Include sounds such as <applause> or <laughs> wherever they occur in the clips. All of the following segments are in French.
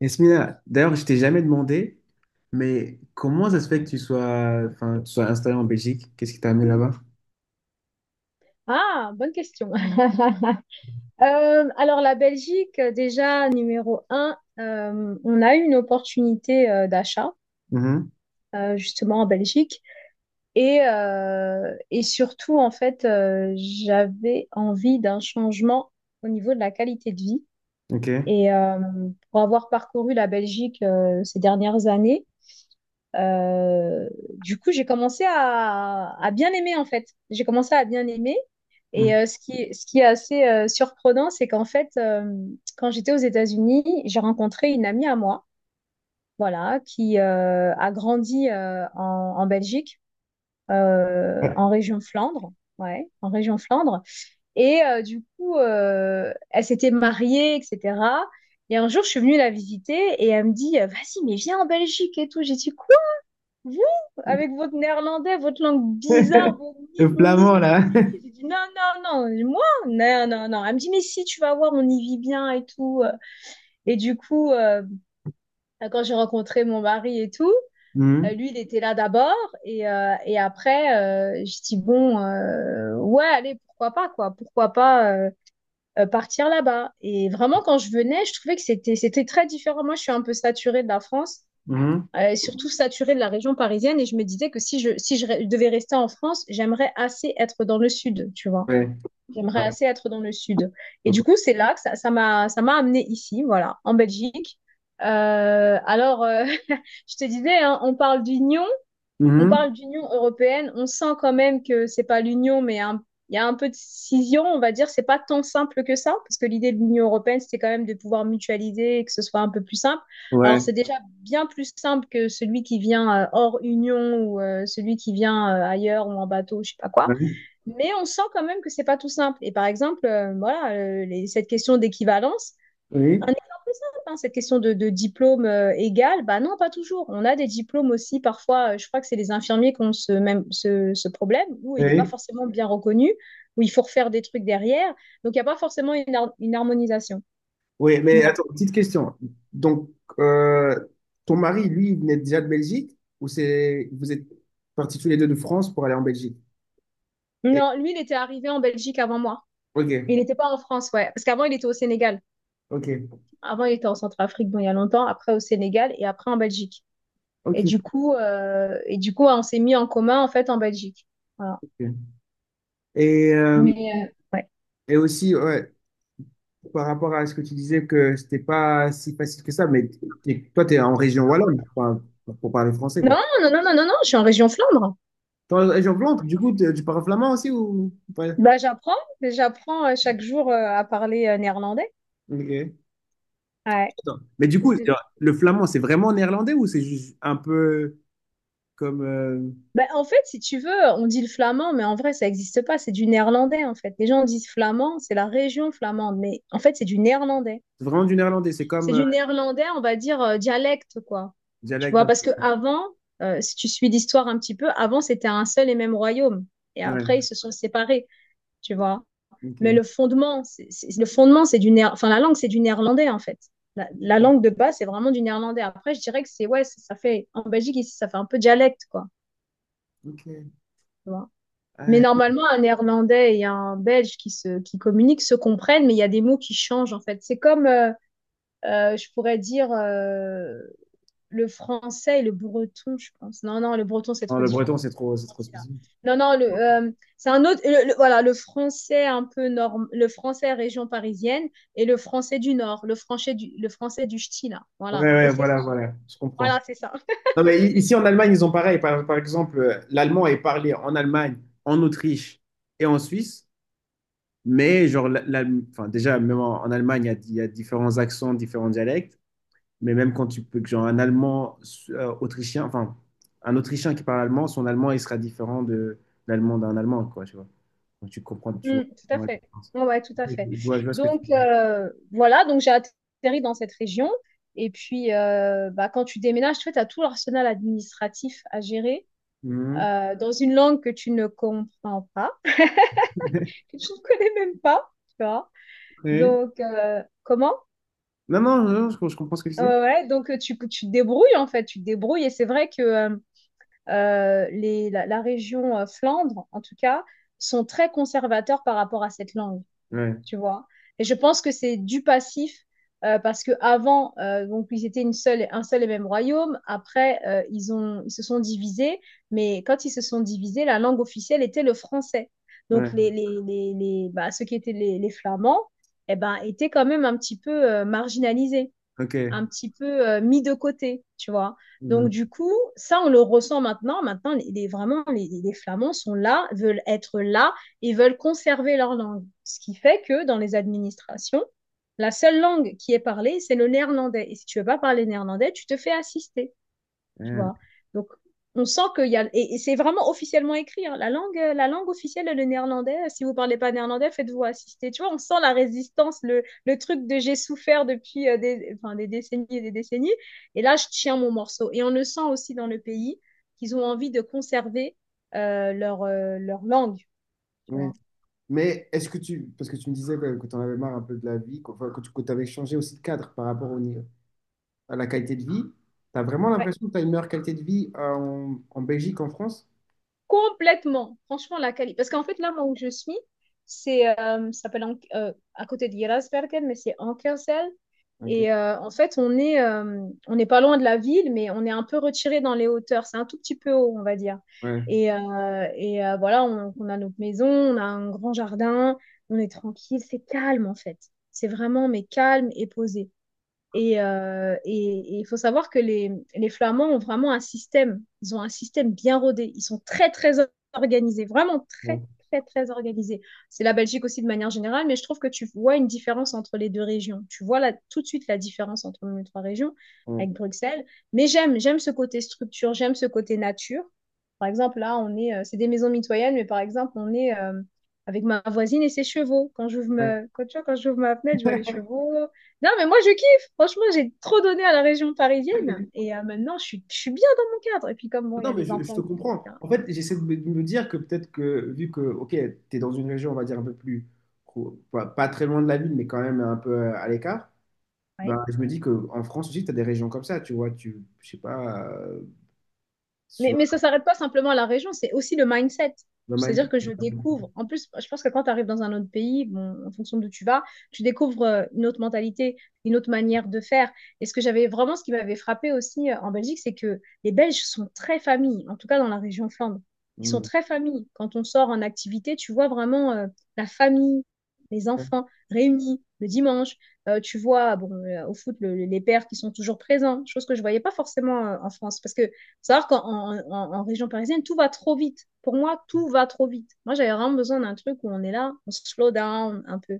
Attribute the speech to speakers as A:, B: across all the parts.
A: Esmina, d'ailleurs, je t'ai jamais demandé, mais comment ça se fait que enfin, tu sois installé en Belgique? Qu'est-ce qui t'a amené là-bas?
B: Ah, bonne question. <laughs> Alors la Belgique, déjà numéro un, on a eu une opportunité d'achat
A: Mhm.
B: justement en Belgique. Et et surtout en fait j'avais envie d'un changement au niveau de la qualité de vie.
A: Ok.
B: Et pour avoir parcouru la Belgique ces dernières années, Euh, du coup, j'ai commencé à bien aimer en fait. J'ai commencé à bien aimer.
A: Mhm.
B: Ce qui est assez surprenant, c'est qu'en fait, quand j'étais aux États-Unis, j'ai rencontré une amie à moi, voilà, qui a grandi en Belgique,
A: Ouais.
B: en région Flandre, ouais, en région Flandre. Et du coup, elle s'était mariée, etc. Et un jour, je suis venue la visiter et elle me dit, vas-y, mais viens en Belgique et tout. J'ai dit, vous, avec votre néerlandais, votre langue bizarre, vos
A: Le
B: ni, ni, ni,
A: flamand,
B: ni.
A: là. <laughs>
B: J'ai dit non, non, non, moi, non, non, non. Elle me dit, mais si, tu vas voir, on y vit bien et tout. Et du coup, quand j'ai rencontré mon mari et tout,
A: Mhm,
B: lui, il était là d'abord. Et après, j'ai dit, bon, ouais, allez, pourquoi pas, quoi. Pourquoi pas partir là-bas. Et vraiment, quand je venais, je trouvais que c'était très différent. Moi, je suis un peu saturée de la France,
A: mhm.
B: surtout saturée de la région parisienne. Et je me disais que si je devais rester en France, j'aimerais assez être dans le sud, tu vois.
A: Ouais.
B: J'aimerais
A: Ouais.
B: assez être dans le sud. Et du
A: D'accord.
B: coup, c'est là que ça m'a amenée ici, voilà, en Belgique. Alors, <laughs> je te disais, hein, on
A: Mhm.
B: parle d'Union européenne, on sent quand même que c'est pas l'Union, il y a un peu de scission, on va dire. C'est pas tant simple que ça, parce que l'idée de l'Union européenne, c'était quand même de pouvoir mutualiser et que ce soit un peu plus simple. Alors,
A: Ouais.
B: c'est déjà bien plus simple que celui qui vient hors Union ou celui qui vient ailleurs ou en bateau, je sais pas quoi.
A: Ouais.
B: Mais on sent quand même que c'est pas tout simple. Et par exemple, voilà, cette question d'équivalence.
A: Oui.
B: Un exemple simple, hein, cette question de diplôme égal, bah non, pas toujours. On a des diplômes aussi, parfois, je crois que c'est les infirmiers qui ont ce problème, où il n'est pas
A: Oui.
B: forcément bien reconnu, où il faut refaire des trucs derrière. Donc, il n'y a pas forcément une harmonisation.
A: Oui, mais attends,
B: Voilà.
A: petite question. Donc, euh, ton mari, lui, il venait déjà de Belgique ou c'est vous êtes partis tous les deux de France pour aller en Belgique? Et-
B: Non, lui, il était arrivé en Belgique avant moi. Il
A: Ok.
B: n'était pas en France, ouais. Parce qu'avant, il était au Sénégal.
A: Ok.
B: Avant, il était en Centrafrique, bon, il y a longtemps, après au Sénégal et après en Belgique.
A: Ok.
B: Et du coup, on s'est mis en commun, en fait, en Belgique. Voilà.
A: Ok. Et, euh,
B: Mais ouais.
A: et aussi, ouais, par rapport à ce que tu disais que c'était pas si facile que ça, mais toi, tu es en région wallonne enfin, pour parler français, quoi.
B: Non, non, non, non, non, non, je suis en région Flandre.
A: T'es en région flamande, du coup, tu parles flamand aussi ou pas?
B: Bah, j'apprends, j'apprends chaque jour à parler néerlandais.
A: Ok.
B: Ouais.
A: Attends. Mais du coup,
B: Je-
A: le flamand, c'est vraiment néerlandais ou c'est juste un peu comme,
B: Bah, en fait, si tu veux, on dit le flamand, mais en vrai, ça n'existe pas, c'est du néerlandais, en fait. Les gens disent flamand, c'est la région flamande, mais en fait, c'est du néerlandais.
A: c'est vraiment du néerlandais, c'est
B: C'est
A: comme,
B: du néerlandais, on va dire, dialecte, quoi. Tu
A: dialecte
B: vois,
A: un
B: parce que
A: peu.
B: avant, si tu suis l'histoire un petit peu, avant, c'était un seul et même royaume. Et après, ils
A: Ouais,
B: se sont séparés, tu vois. Mais
A: ok.
B: le fondement, c'est du néer- enfin la langue, c'est du néerlandais en fait. La
A: Ok.
B: langue de base, c'est vraiment du néerlandais. Après, je dirais que c'est ouais, ça fait en Belgique ici, ça fait un peu dialecte quoi.
A: Ok.
B: Tu Mais
A: Ouais.
B: normalement, un néerlandais et un belge qui communiquent se comprennent, mais il y a des mots qui changent en fait. C'est comme je pourrais dire le français et le breton, je pense. Non, non, le breton c'est
A: Non,
B: trop
A: le
B: différent.
A: breton, c'est trop spécifique.
B: Non, non, le, c'est un autre. Voilà, le français un peu norm, le français région parisienne et le français du Nord, le français du ch'ti, là.
A: Ouais,
B: Voilà. Et
A: ouais,
B: c'est
A: voilà,
B: ça.
A: voilà, je comprends.
B: Voilà, c'est ça. <laughs>
A: Non, mais ici en Allemagne, ils ont pareil. Par exemple, l'allemand est parlé en Allemagne, en Autriche et en Suisse. Mais genre, enfin, déjà, même en Allemagne, il y a différents accents, différents dialectes. Mais même quand tu peux, que, genre, un allemand autrichien, enfin, un autrichien qui parle allemand, son allemand, il sera différent de l'allemand d'un allemand, quoi, tu vois. Donc, tu comprends,
B: Mm, tout
A: tu
B: à
A: vois la
B: fait.
A: différence.
B: Ouais, ouais, tout à
A: Je,
B: fait.
A: je vois, je vois ce que tu
B: Donc, voilà, donc j'ai atterri dans cette région. Et puis, bah, quand tu déménages, tu as tout l'arsenal administratif à gérer
A: Mhm.
B: dans une langue que tu ne comprends pas,
A: <laughs>
B: que tu ne <laughs> connais même pas, tu vois.
A: Ouais.
B: Donc, comment?
A: Non, non, non, je comprends ce que tu
B: Ouais,
A: dis.
B: ouais, donc tu te débrouilles en fait, tu te débrouilles et c'est vrai que la région Flandre, en tout cas, sont très conservateurs par rapport à cette langue,
A: Ouais,
B: tu vois. Et je pense que c'est du passif, parce que avant, donc ils étaient un seul et même royaume. Après, ils se sont divisés, mais quand ils se sont divisés, la langue officielle était le français. Donc
A: ouais,
B: ceux qui étaient les Flamands, eh ben, étaient quand même un petit peu marginalisés,
A: ok.
B: un petit peu mis de côté, tu vois. Donc,
A: Mhm.
B: du coup, ça, on le ressent maintenant. Maintenant, vraiment, les Flamands sont là, veulent être là et veulent conserver leur langue. Ce qui fait que dans les administrations, la seule langue qui est parlée, c'est le néerlandais. Et si tu veux pas parler néerlandais, tu te fais assister, tu
A: Ouais.
B: vois. Donc, on sent qu'il y a... et c'est vraiment officiellement écrit, hein. La langue officielle, est le néerlandais. Si vous parlez pas néerlandais, faites-vous assister. Tu vois, on sent la résistance, le truc de j'ai souffert depuis des décennies. Et là, je tiens mon morceau. Et on le sent aussi dans le pays qu'ils ont envie de conserver leur langue. Tu
A: Oui.
B: vois.
A: Mais est-ce que tu, parce que tu me disais quand même que tu en avais marre un peu de la vie, qu'enfin, que tu avais changé aussi de cadre par rapport au, ni- à la qualité de vie, tu as vraiment
B: Ouais,
A: l'impression que tu as une meilleure qualité de vie en, en Belgique qu'en France?
B: complètement. Franchement, la qualité. Parce qu'en fait, là, moi où je suis, ça s'appelle à côté de Gerasbergen, mais c'est Ankersel.
A: Ok,
B: Et en fait, on n'est pas loin de la ville, mais on est un peu retiré dans les hauteurs. C'est un tout petit peu haut, on va dire.
A: ouais,
B: Et voilà, on a notre maison, on a un grand jardin, on est tranquille, c'est calme en fait. C'est vraiment, mais calme et posé. Et et il faut savoir que les Flamands ont vraiment un système. Ils ont un système bien rodé. Ils sont très, très organisés. Vraiment très,
A: bon,
B: très, très organisés. C'est la Belgique aussi de manière générale, mais je trouve que tu vois une différence entre les deux régions. Tu vois là, tout de suite la différence entre nos trois régions,
A: ouais,
B: avec Bruxelles. Mais j'aime, j'aime ce côté structure, j'aime ce côté nature. Par exemple, là, c'est des maisons mitoyennes, mais par exemple, on est avec ma voisine et ses chevaux.
A: ouais.
B: Quand j'ouvre ma fenêtre, je vois les chevaux. Non, mais moi, je kiffe. Franchement, j'ai trop donné à la région parisienne
A: Ok.
B: et maintenant, je suis bien dans mon cadre. Et puis, comme bon, il y
A: Non,
B: a
A: mais
B: les
A: je
B: enfants,
A: te comprends.
B: etc.
A: En fait, j'essaie de me dire que peut-être que, vu que, ok, tu es dans une région, on va dire, un peu plus, pas très loin de la ville, mais quand même un peu à l'écart,
B: Ouais.
A: bah, je me dis qu'en France aussi, tu as des régions comme ça, tu vois, tu, je sais pas, si tu
B: Mais
A: vas
B: ça s'arrête pas simplement à la région, c'est aussi le mindset.
A: dans ma-
B: C'est-à-dire que je découvre, en plus, je pense que quand tu arrives dans un autre pays, bon, en fonction d'où tu vas, tu découvres une autre mentalité, une autre manière de faire. Et ce que j'avais vraiment, ce qui m'avait frappé aussi en Belgique, c'est que les Belges sont très familles, en tout cas dans la région Flandre. Ils sont
A: Hmm.
B: très familles. Quand on sort en activité, tu vois vraiment la famille, les
A: Ouais,
B: enfants réunis le dimanche. Tu vois, bon, au foot, les pères qui sont toujours présents, chose que je voyais pas forcément en France, parce que savoir qu'en région parisienne, tout va trop vite. Pour moi, tout va trop vite. Moi, j'avais vraiment besoin d'un truc où on est là, on se slow down un peu,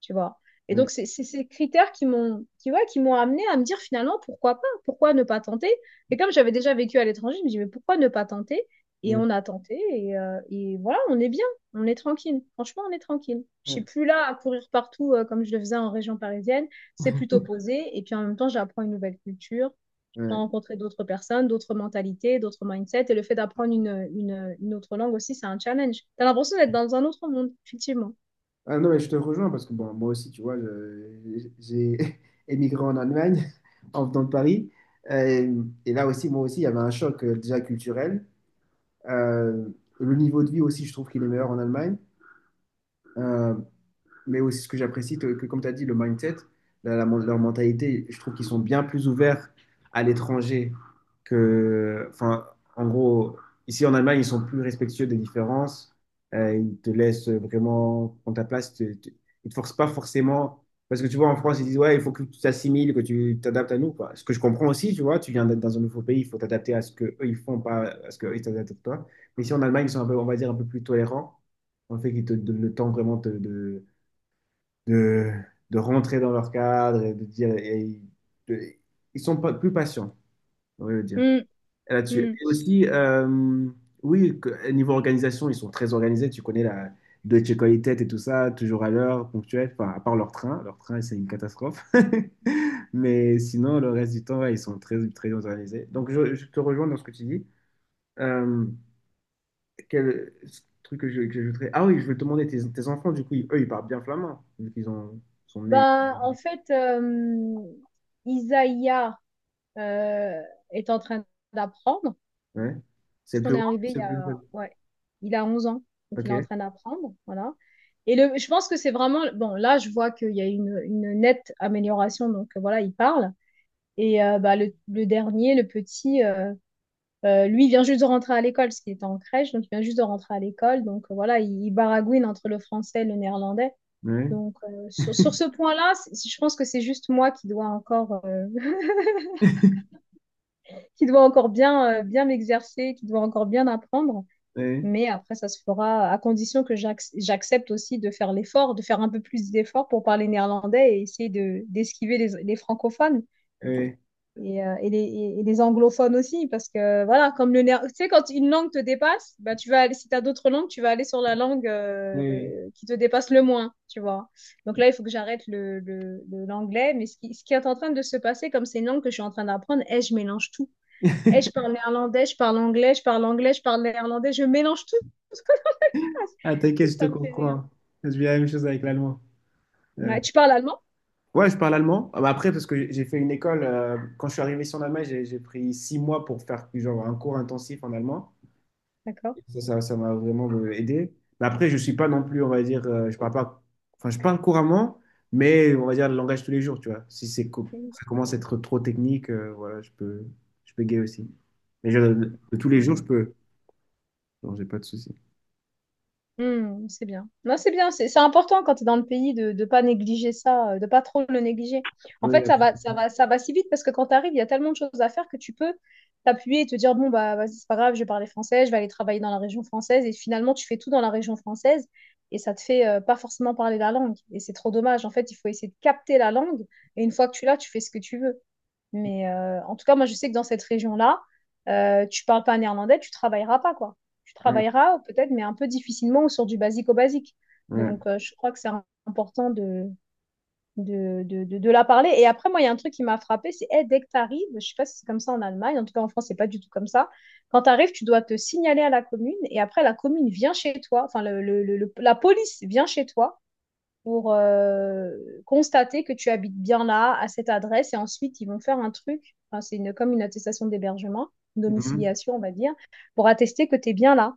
B: tu vois. Et
A: ouais,
B: donc, c'est ces critères ouais, qui m'ont amené à me dire finalement, pourquoi pas? Pourquoi ne pas tenter? Et comme j'avais déjà vécu à l'étranger, je me dis, mais pourquoi ne pas tenter? Et
A: ouais,
B: on a tenté et voilà, on est bien, on est tranquille. Franchement, on est tranquille. Je suis
A: ouais,
B: plus là à courir partout comme je le faisais en région parisienne. C'est plutôt posé et puis en même temps, j'apprends une nouvelle culture,
A: ouais.
B: rencontrer d'autres personnes, d'autres mentalités, d'autres mindsets. Et le fait d'apprendre une autre langue aussi, c'est un challenge. T'as l'impression d'être dans un autre monde, effectivement.
A: Ah non, mais je te rejoins parce que bon, moi aussi, tu vois, j'ai <laughs> émigré en Allemagne <laughs> en venant de Paris. Et là aussi, moi aussi, il y avait un choc déjà culturel. Euh, le niveau de vie aussi, je trouve qu'il est meilleur en Allemagne. Euh, mais aussi ce que j'apprécie, que comme tu as dit, le mindset, leur mentalité, je trouve qu'ils sont bien plus ouverts à l'étranger que, enfin, en gros, ici en Allemagne, ils sont plus respectueux des différences. Ils te laissent vraiment prendre ta place. Ils te forcent pas forcément. Parce que tu vois, en France, ils disent, ouais, il faut que tu t'assimiles, que tu t'adaptes à nous, quoi. Ce que je comprends aussi, tu vois, tu viens d'être dans un nouveau pays, il faut t'adapter à ce que eux ils font, pas à ce que eux, ils t'adaptent à toi. Mais ici en Allemagne, ils sont un peu, on va dire, un peu plus tolérants. En fait, qu'ils te donnent le temps vraiment de, de rentrer dans leur cadre et de dire. De- ils sont pas, plus patients, on va le dire,
B: Mm,
A: là-dessus.
B: mm.
A: Et aussi, oui, niveau organisation, ils sont très organisés. Tu connais la Deutsche Qualität et tout ça, toujours à l'heure, ponctuel, enfin, à part leur train. Leur train, c'est une catastrophe. <laughs> Mais sinon, le reste du temps, ouais, ils sont très, très organisés. Donc, je te rejoins dans ce que tu dis. Euh, quel truc que que j'ajouterais? Ah oui, je veux te demander, tes enfants, du coup, eux, ils parlent bien flamand, vu qu'ils sont nés.
B: Ben, en fait, euh, Isaiah euh, est en train d'apprendre.
A: Ouais. C'est
B: Parce
A: le plus
B: qu'on est
A: grand ou
B: arrivé il
A: c'est
B: y
A: le plus jeune?
B: a, ouais, il a 11 ans. Donc, il est en
A: Ok.
B: train d'apprendre. Voilà. Et le, je pense que c'est vraiment. Bon, là, je vois qu'il y a une nette amélioration. Donc, voilà, il parle. Et bah, le dernier, le petit, lui, il vient juste de rentrer à l'école, parce qu'il était en crèche, donc il vient juste de rentrer à l'école. Donc voilà, il baragouine entre le français et le néerlandais.
A: Ouais.
B: Donc sur, sur ce point-là, c'est- je pense que c'est juste moi qui dois encore, <laughs>
A: <laughs>
B: qui dois encore bien, bien m'exercer, qui dois encore bien apprendre.
A: Oui,
B: Mais après, ça se fera à condition que j'accepte aussi de faire l'effort, de faire un peu plus d'efforts pour parler néerlandais et essayer de, d'esquiver les francophones.
A: oui,
B: Et, et, les, les anglophones aussi, parce que voilà, comme tu sais, quand une langue te dépasse, bah, tu vas aller, si tu as d'autres langues, tu vas aller sur la langue
A: oui.
B: qui te dépasse le moins, tu vois. Donc là, il faut que j'arrête l'anglais, mais ce qui est en train de se passer, comme c'est une langue que je suis en train d'apprendre, eh, je mélange tout. Eh, je
A: <laughs>
B: parle néerlandais, je parle anglais, je parle anglais, je parle néerlandais, je mélange tout <laughs>
A: Ah,
B: ça
A: t'inquiète, je te
B: Ça me fait rire.
A: comprends. Je vis la même chose avec l'allemand. Euh,
B: Ouais, tu parles allemand?
A: ouais, je parle allemand. Ah bah après, parce que j'ai fait une école, quand je suis arrivé ici en Allemagne, j'ai pris 6 mois pour faire genre, un cours intensif en allemand.
B: D'accord.
A: Ça m'a vraiment aidé. Mais après, je suis pas non plus, on va dire, je parle pas, enfin, je parle couramment, mais on va dire le langage tous les jours, tu vois. Si ça commence à être trop technique, voilà, je peux gay aussi. Mais de tous les jours, je peux. Non, j'ai pas de souci.
B: Hmm, c'est bien. Non, c'est bien. C'est important quand tu es dans le pays de ne pas négliger ça, de pas trop le négliger. En fait,
A: Ouais,
B: ça va si vite parce que quand tu arrives, il y a tellement de choses à faire que tu peux t'appuyer et te dire, bon, bah, vas-y, c'est pas grave, je vais parler français, je vais aller travailler dans la région française. Et finalement, tu fais tout dans la région française et ça te fait pas forcément parler la langue. Et c'est trop dommage. En fait, il faut essayer de capter la langue et une fois que tu l'as, tu fais ce que tu veux. Mais en tout cas, moi, je sais que dans cette région-là, tu parles pas néerlandais, tu travailleras pas, quoi. Tu
A: ouais,
B: travailleras peut-être, mais un peu difficilement ou sur du basique au basique.
A: ouais.
B: Donc, je crois que c'est important de de la parler. Et après, moi, il y a un truc qui m'a frappé, c'est hey, dès que tu arrives, je sais pas si c'est comme ça en Allemagne, en tout cas en France, c'est pas du tout comme ça. Quand tu arrives, tu dois te signaler à la commune et après, la commune vient chez toi, enfin, la police vient chez toi pour constater que tu habites bien là, à cette adresse, et ensuite ils vont faire un truc, enfin, c'est une, comme une attestation d'hébergement, une
A: Mhm.
B: domiciliation on va dire, pour attester que tu es bien là.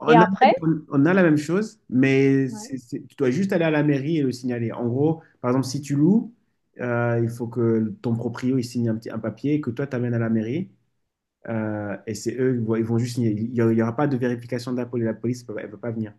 A: En
B: Et
A: Allemagne,
B: après,
A: on a la même chose, mais
B: ouais.
A: tu dois juste aller à la mairie et le signaler. En gros, par exemple, si tu loues, il faut que ton proprio il signe un petit, un papier que toi, tu amènes à la mairie. Et c'est eux, ils vont juste signer. Il n'y aura pas de vérification de la police. La police, elle ne peut pas venir.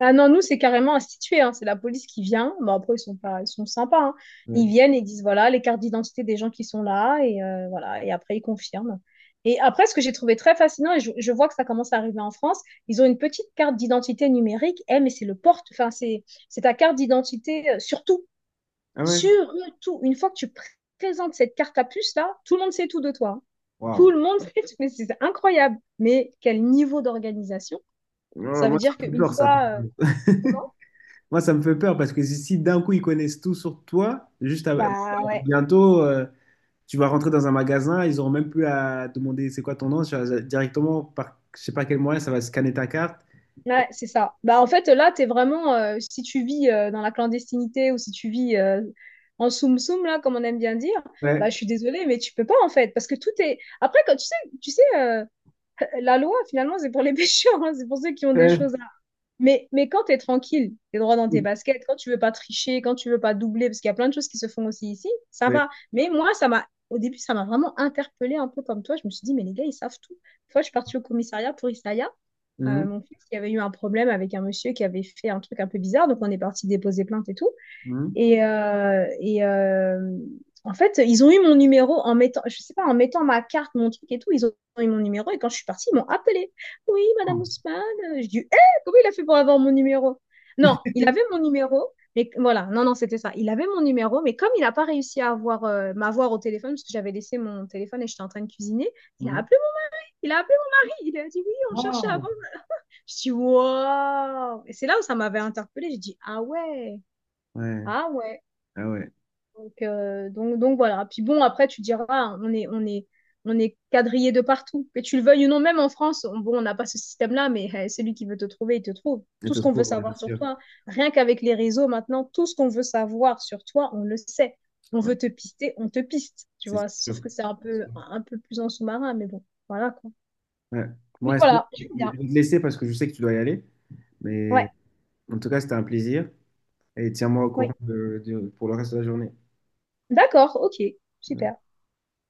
B: Ah non, nous, c'est carrément institué, hein. C'est la police qui vient. Bon, après, ils sont pas, ils sont sympas, hein.
A: Ouais.
B: Ils viennent et ils disent, voilà, les cartes d'identité des gens qui sont là, et voilà, et après, ils confirment. Et après, ce que j'ai trouvé très fascinant, et je vois que ça commence à arriver en France, ils ont une petite carte d'identité numérique. Eh, mais c'est le porte, enfin, c'est ta carte d'identité, surtout,
A: Ah ouais?
B: surtout, une fois que présentes cette carte à puce, là, tout le monde sait tout de toi, hein. Tout
A: Waouh.
B: le monde <laughs> sait tout, mais c'est incroyable. Mais quel niveau d'organisation!
A: Non,
B: Ça veut
A: moi, ça
B: dire
A: me fait
B: qu'une
A: peur, ça.
B: fois, euh,
A: Moi, ça me fait peur parce que si d'un coup, ils connaissent tout sur toi,
B: bah ouais,
A: bientôt, tu vas rentrer dans un magasin, ils auront même plus à demander c'est quoi ton nom, ça va directement, par je sais pas quel moyen, ça va scanner ta carte.
B: ouais, c'est ça. Bah en fait, là, t'es vraiment, si tu vis dans la clandestinité ou si tu vis en soum-soum, là, comme on aime bien dire,
A: Ouais,
B: bah je suis désolée, mais tu peux pas en fait, parce que tout est. Après, quand tu sais, euh, <laughs> la loi, finalement, c'est pour les <laughs> pêcheurs, hein, c'est pour ceux qui ont des choses
A: ouais,
B: à. Mais quand t'es tranquille, t'es droit dans tes
A: oui,
B: baskets, quand tu veux pas tricher, quand tu veux pas doubler, parce qu'il y a plein de choses qui se font aussi ici, ça
A: ouais.
B: va. Mais moi, ça m'a. Au début, ça m'a vraiment interpellée un peu comme toi. Je me suis dit, mais les gars, ils savent tout. Une fois, je suis partie au commissariat pour Issaïa.
A: Mhm,
B: Mon fils, il y avait eu un problème avec un monsieur qui avait fait un truc un peu bizarre, donc on est parti déposer plainte et tout.
A: mhm,
B: Et, en fait, ils ont eu mon numéro en mettant, je sais pas, en mettant ma carte, mon truc et tout, ils ont eu mon numéro. Et quand je suis partie, ils m'ont appelé. Oui, Madame Ousmane. Je dis, hé, comment il a fait pour avoir mon numéro? Non, il avait mon numéro, mais voilà, non, c'était ça. Il avait mon numéro, mais comme il n'a pas réussi à avoir, m'avoir au téléphone, parce que j'avais laissé mon téléphone et j'étais en train de cuisiner, il a
A: mhm.
B: appelé, il a appelé mon mari. Il a dit oui, on cherchait
A: Waouh.
B: avant, je dis, wow! Et c'est là où ça m'avait interpellée. J'ai dit, ah ouais,
A: Ouais,
B: ah ouais.
A: ah ouais.
B: Donc, voilà. Puis bon, après, tu diras, on est quadrillé de partout. Que tu le veuilles ou non, même en France, on, bon, on n'a pas ce système-là, mais eh, celui qui veut te trouver, il te trouve.
A: Et
B: Tout
A: te
B: ce qu'on veut
A: trouves, ouais,
B: savoir
A: c'est
B: sur
A: sûr.
B: toi, rien qu'avec les réseaux maintenant, tout ce qu'on veut savoir sur toi, on le sait. On
A: Ouais,
B: veut te pister, on te piste, tu
A: c'est
B: vois. Sauf
A: sûr.
B: que c'est un peu plus en sous-marin, mais bon, voilà quoi.
A: Ouais. Bon,
B: Mais
A: Yasmine,
B: voilà, j'aime
A: je
B: bien.
A: vais te laisser parce que je sais que tu dois y aller.
B: Ouais,
A: Mais en tout cas, c'était un plaisir. Et tiens-moi au courant
B: oui.
A: pour le reste de la journée.
B: D'accord, ok,
A: Ouais.
B: super.